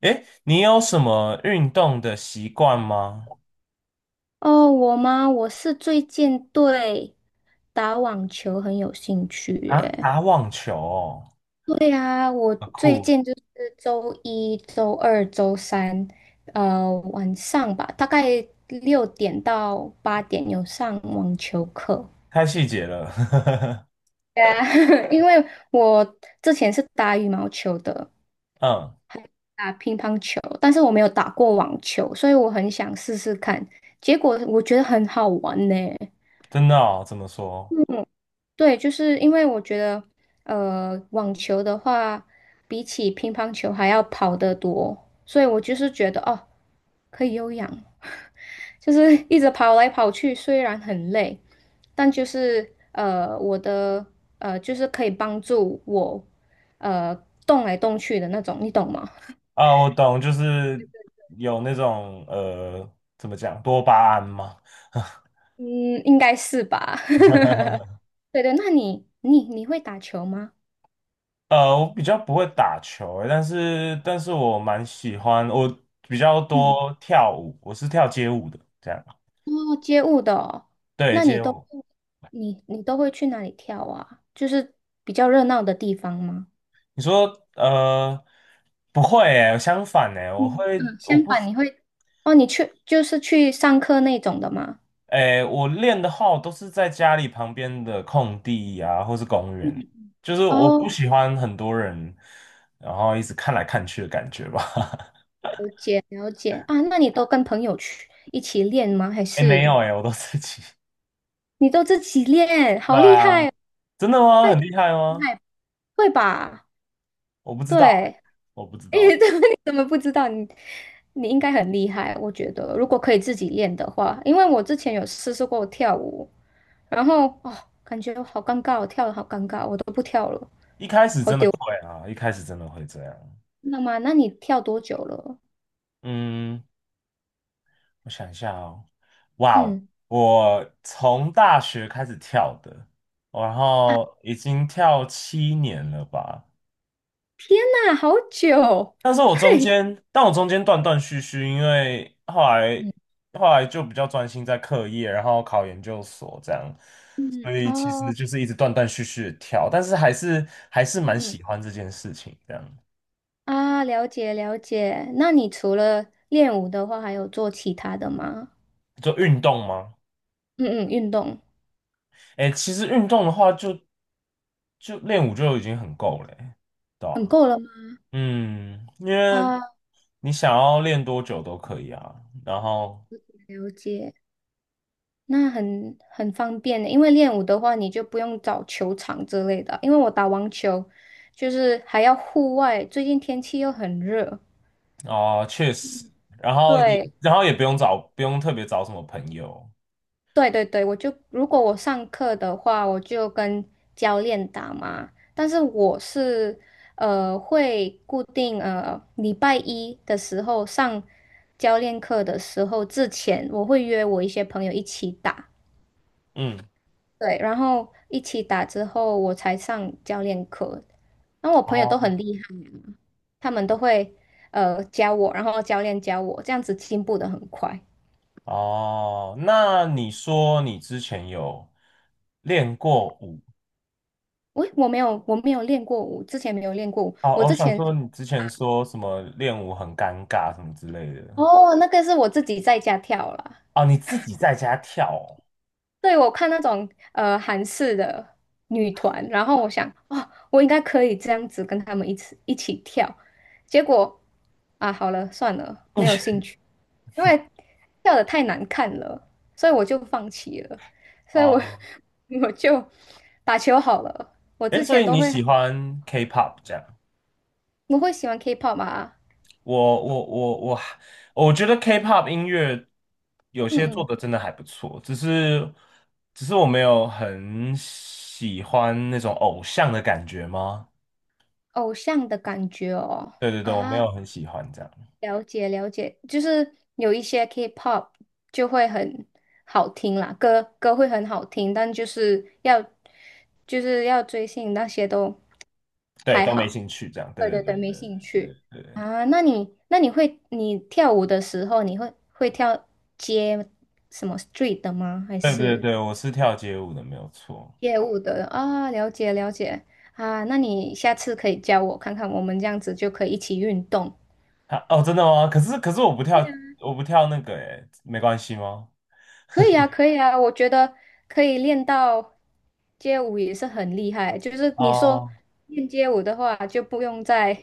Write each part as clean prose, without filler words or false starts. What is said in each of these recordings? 诶，你有什么运动的习惯吗？哦，我吗？我是最近对打网球很有兴趣啊，耶。打网球哦，对啊，我啊最酷，近就是周一周二周三，晚上吧，大概6点到8点有上网球课。太细节了。对啊，因为我之前是打羽毛球的，嗯，打乒乓球，但是我没有打过网球，所以我很想试试看。结果我觉得很好玩呢。真的哦，怎么说？嗯对，就是因为我觉得，网球的话，比起乒乓球还要跑得多，所以我就是觉得哦，可以有氧，就是一直跑来跑去，虽然很累，但就是我的就是可以帮助我呃动来动去的那种，你懂吗？啊，我懂，就是有那种怎么讲，多巴胺吗？嗯，应该是吧。对对，那你会打球吗？我比较不会打球欸，但是我蛮喜欢，我比较多嗯。跳舞，我是跳街舞的，这样。哦，街舞的哦，对，那你街都舞。你你都会去哪里跳啊？就是比较热闹的地方吗？你说呃，不会诶，相反诶，我嗯会，嗯，相我不。反你会哦，你去就是去上课那种的吗？诶，我练的号都是在家里旁边的空地啊，或是公园，就是我不哦，喜欢很多人，然后一直看来看去的感觉吧。了解了解啊，那你都跟朋友去一起练吗？还诶，没有是诶，我都自己。你都自己练？对好厉啊，害哦，真的吗？很厉害厉吗？害会吧？我不知道欸，对，我不知诶，道。怎么你怎么不知道？你应该很厉害，我觉得如果可以自己练的话，因为我之前有试试过跳舞。然后哦，感觉好尴尬哦，我跳的好尴尬，我都不跳了。一开始真的会啊，一开始真的会这样。那吗？那你跳多久了？嗯，我想一下哦。哇哦，嗯，我从大学开始跳的，然后已经跳7年了吧。那好久。但是我中对间，但我中间断断续续，因为后来嗯，后来就比较专心在课业，然后考研究所这样，嗯，所以其实哦，就是一直断断续续的跳，但是还是嗯蛮喜嗯欢这件事情。这样，啊，了解了解。那你除了练舞的话，还有做其他的吗？做运动吗？嗯嗯，运动哎，其实运动的话就，就练舞就已经很够了欸，对很吧？够了吗？嗯，因为啊，你想要练多久都可以啊，然后。了解。那很方便的，因为练舞的话，你就不用找球场之类的。因为我打网球，就是还要户外，最近天气又很热，哦，确实，然后也对，然后也不用找，不用特别找什么朋友。对对对，我就如果我上课的话，我就跟教练打嘛。但是我是会固定礼拜一的时候上教练课的时候之前，我会约我一些朋友一起打，嗯，对，然后一起打之后我才上教练课。然后我朋友都哦很厉害，他们都会教我，然后教练教我，这样子进步的很快。哦，那你说你之前有练过舞？我没有练过舞，之前没有练过舞，哦，我我之想前说你之前说什么练舞很尴尬什么之类的。哦，那个是我自己在家跳啦。哦，你自己在家跳对，我看那种韩式的女团，然后我想，哦，我应该可以这样子跟他们一起跳。结果啊，好了，算了，哦。没有兴 趣，因为跳的太难看了，所以我就放弃了。所以我 哦，我就打球好了。我哎，之所前以都你会喜欢 K-pop 这样？我会喜欢 K-pop 嘛，我我觉得 K-pop 音乐有嗯些做嗯，的真的还不错，只是只是我没有很喜欢那种偶像的感觉吗？偶像的感觉哦对对对，我没啊。有很喜欢这样，了解了解，就是有一些 K-pop 就会很好听啦，歌会很好听，但就是要就是要追星那些都对，还都没好。兴趣这样，对对对对对，没兴对对趣啊。那你那你会你跳舞的时候，你会跳街什么 street 的吗？还对对对是对，我是跳街舞的，没有错。街舞的啊？了解了解啊。那你下次可以教我看看，我们这样子就可以一起运动。啊，哦，真的吗？可是可是我不跳，我不跳那个，诶，没关系吗？可以啊，可以啊，我觉得可以练到街舞也是很厉害。就是你说哦，练街舞的话，就不用再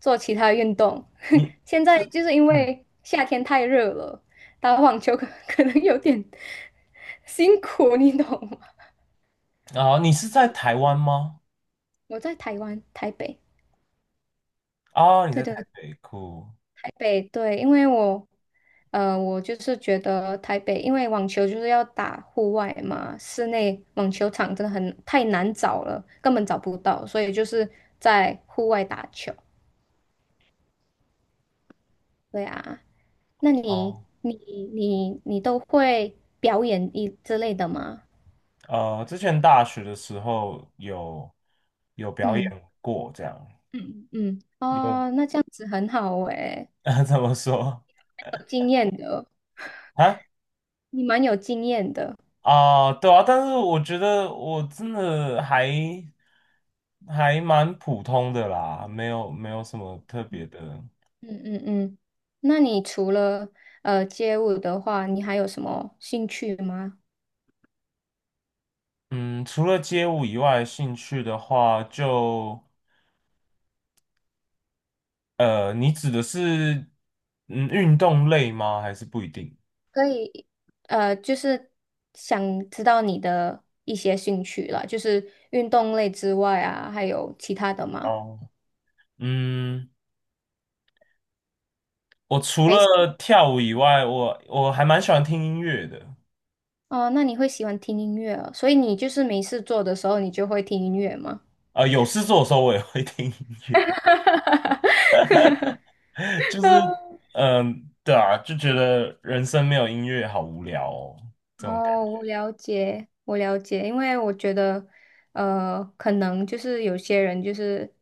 做其他运动。你 现在是就是因嗯，为夏天太热了，打网球可 可能有点 辛苦，你懂吗？哦，你是在台湾吗？我在台湾台北，哦，你对在台对北，酷。台北对，因为我，我就是觉得台北，因为网球就是要打户外嘛，室内网球场真的很太难找了，根本找不到，所以就是在户外打球。对啊，那你哦，你你你都会表演一之类的吗？之前大学的时候有有表嗯演过，这样嗯嗯，有 哦，那这样子很好诶，怎么说有经验的，啊？你蛮有经验的。啊、对啊，但是我觉得我真的还还蛮普通的啦，没有什么特别的。嗯嗯嗯，那你除了街舞的话，你还有什么兴趣吗？嗯，除了街舞以外，兴趣的话就你指的是嗯运动类吗？还是不一定？可以，就是想知道你的一些兴趣啦，就是运动类之外啊，还有其他的吗？哦，嗯。我除还是了跳舞以外，我还蛮喜欢听音乐的。哦，那你会喜欢听音乐哦，所以你就是没事做的时候，你就会听音乐吗？有事做的时候我也会听音乐，就是 嗯，对啊，就觉得人生没有音乐好无聊哦，这种感觉。哦，我了解，我了解，因为我觉得，可能就是有些人就是，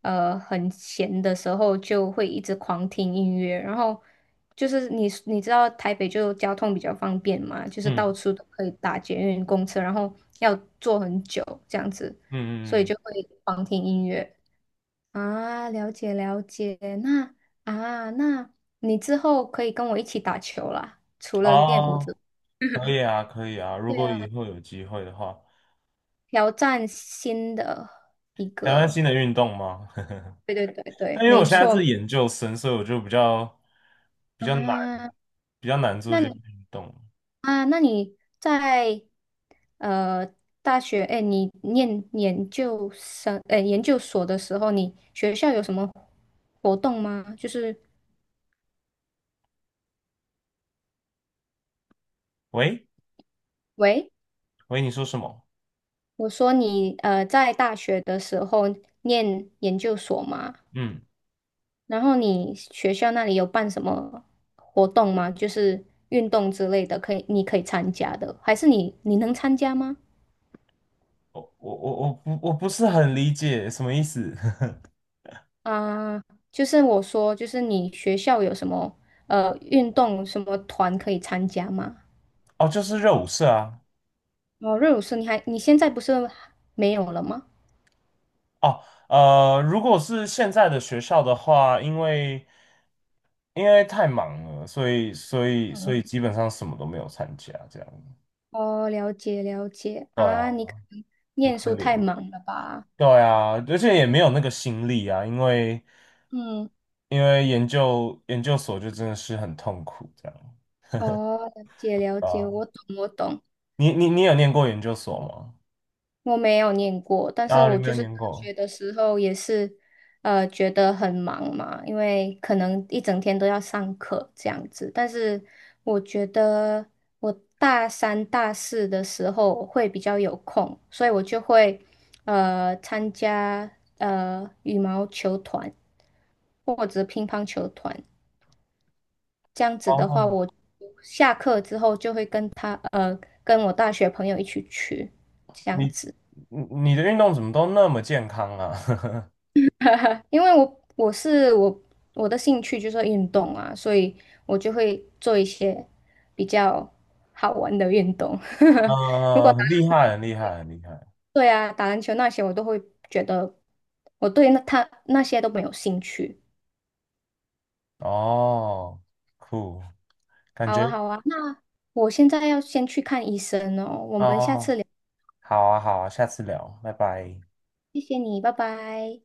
很闲的时候就会一直狂听音乐，然后就是你知道台北就交通比较方便嘛，就是嗯到处都可以打捷运、公车，然后要坐很久这样子，嗯所嗯以嗯，就会狂听音乐啊，了解了解，那啊，那你之后可以跟我一起打球啦，除了练舞哦，之外。可以啊，可以啊，如对果以啊后有机会的话，挑战新的一台湾新个，的运动吗？对对对但对，因为我没现在是错研究生，所以我就比较难，啊。比较难做那这些你运动。啊，那你在呃大学，哎，你念研究生，哎，研究所的时候，你学校有什么活动吗？就是，喂，喂，喂，你说什么？我说你在大学的时候念研究所吗？嗯。然后你学校那里有办什么活动吗？就是运动之类的，可以你可以参加的，还是你能参加吗？我不是很理解什么意思。啊、就是我说，就是你学校有什么运动什么团可以参加吗？哦，就是热舞社啊。哦，热舞社你还你现在不是没有了吗？哦，如果是现在的学校的话，因为因为太忙了，所以所以所嗯，以基本上什么都没有参加，这样。哦，了解了解对啊，啊，你可能很念可书太怜。忙了吧？对啊，而且也没有那个心力啊，因为嗯，因为研究所就真的是很痛苦这样。哦，了解了对解，啊，我懂我懂。你有念过研究所吗？我没有念过，但是啊，你我没就有是大念过。学的时候也是，觉得很忙嘛，因为可能一整天都要上课这样子。但是我觉得我大三、大四的时候会比较有空，所以我就会参加羽毛球团或者乒乓球团。这样子的话，哦，我下课之后就会跟我大学朋友一起去这样你子。你你的运动怎么都那么健康啊？哈哈，因为我我是我我的兴趣就是运动啊，所以我就会做一些比较好玩的运动。如果嗯，很厉害，很厉害，很厉害。对啊，打篮球那些我都会觉得我对那他那些都没有兴趣。哦，酷，感好觉啊，好啊，那我现在要先去看医生哦，我哦，们下次聊，好啊，好啊，下次聊，拜拜。谢谢你，拜拜。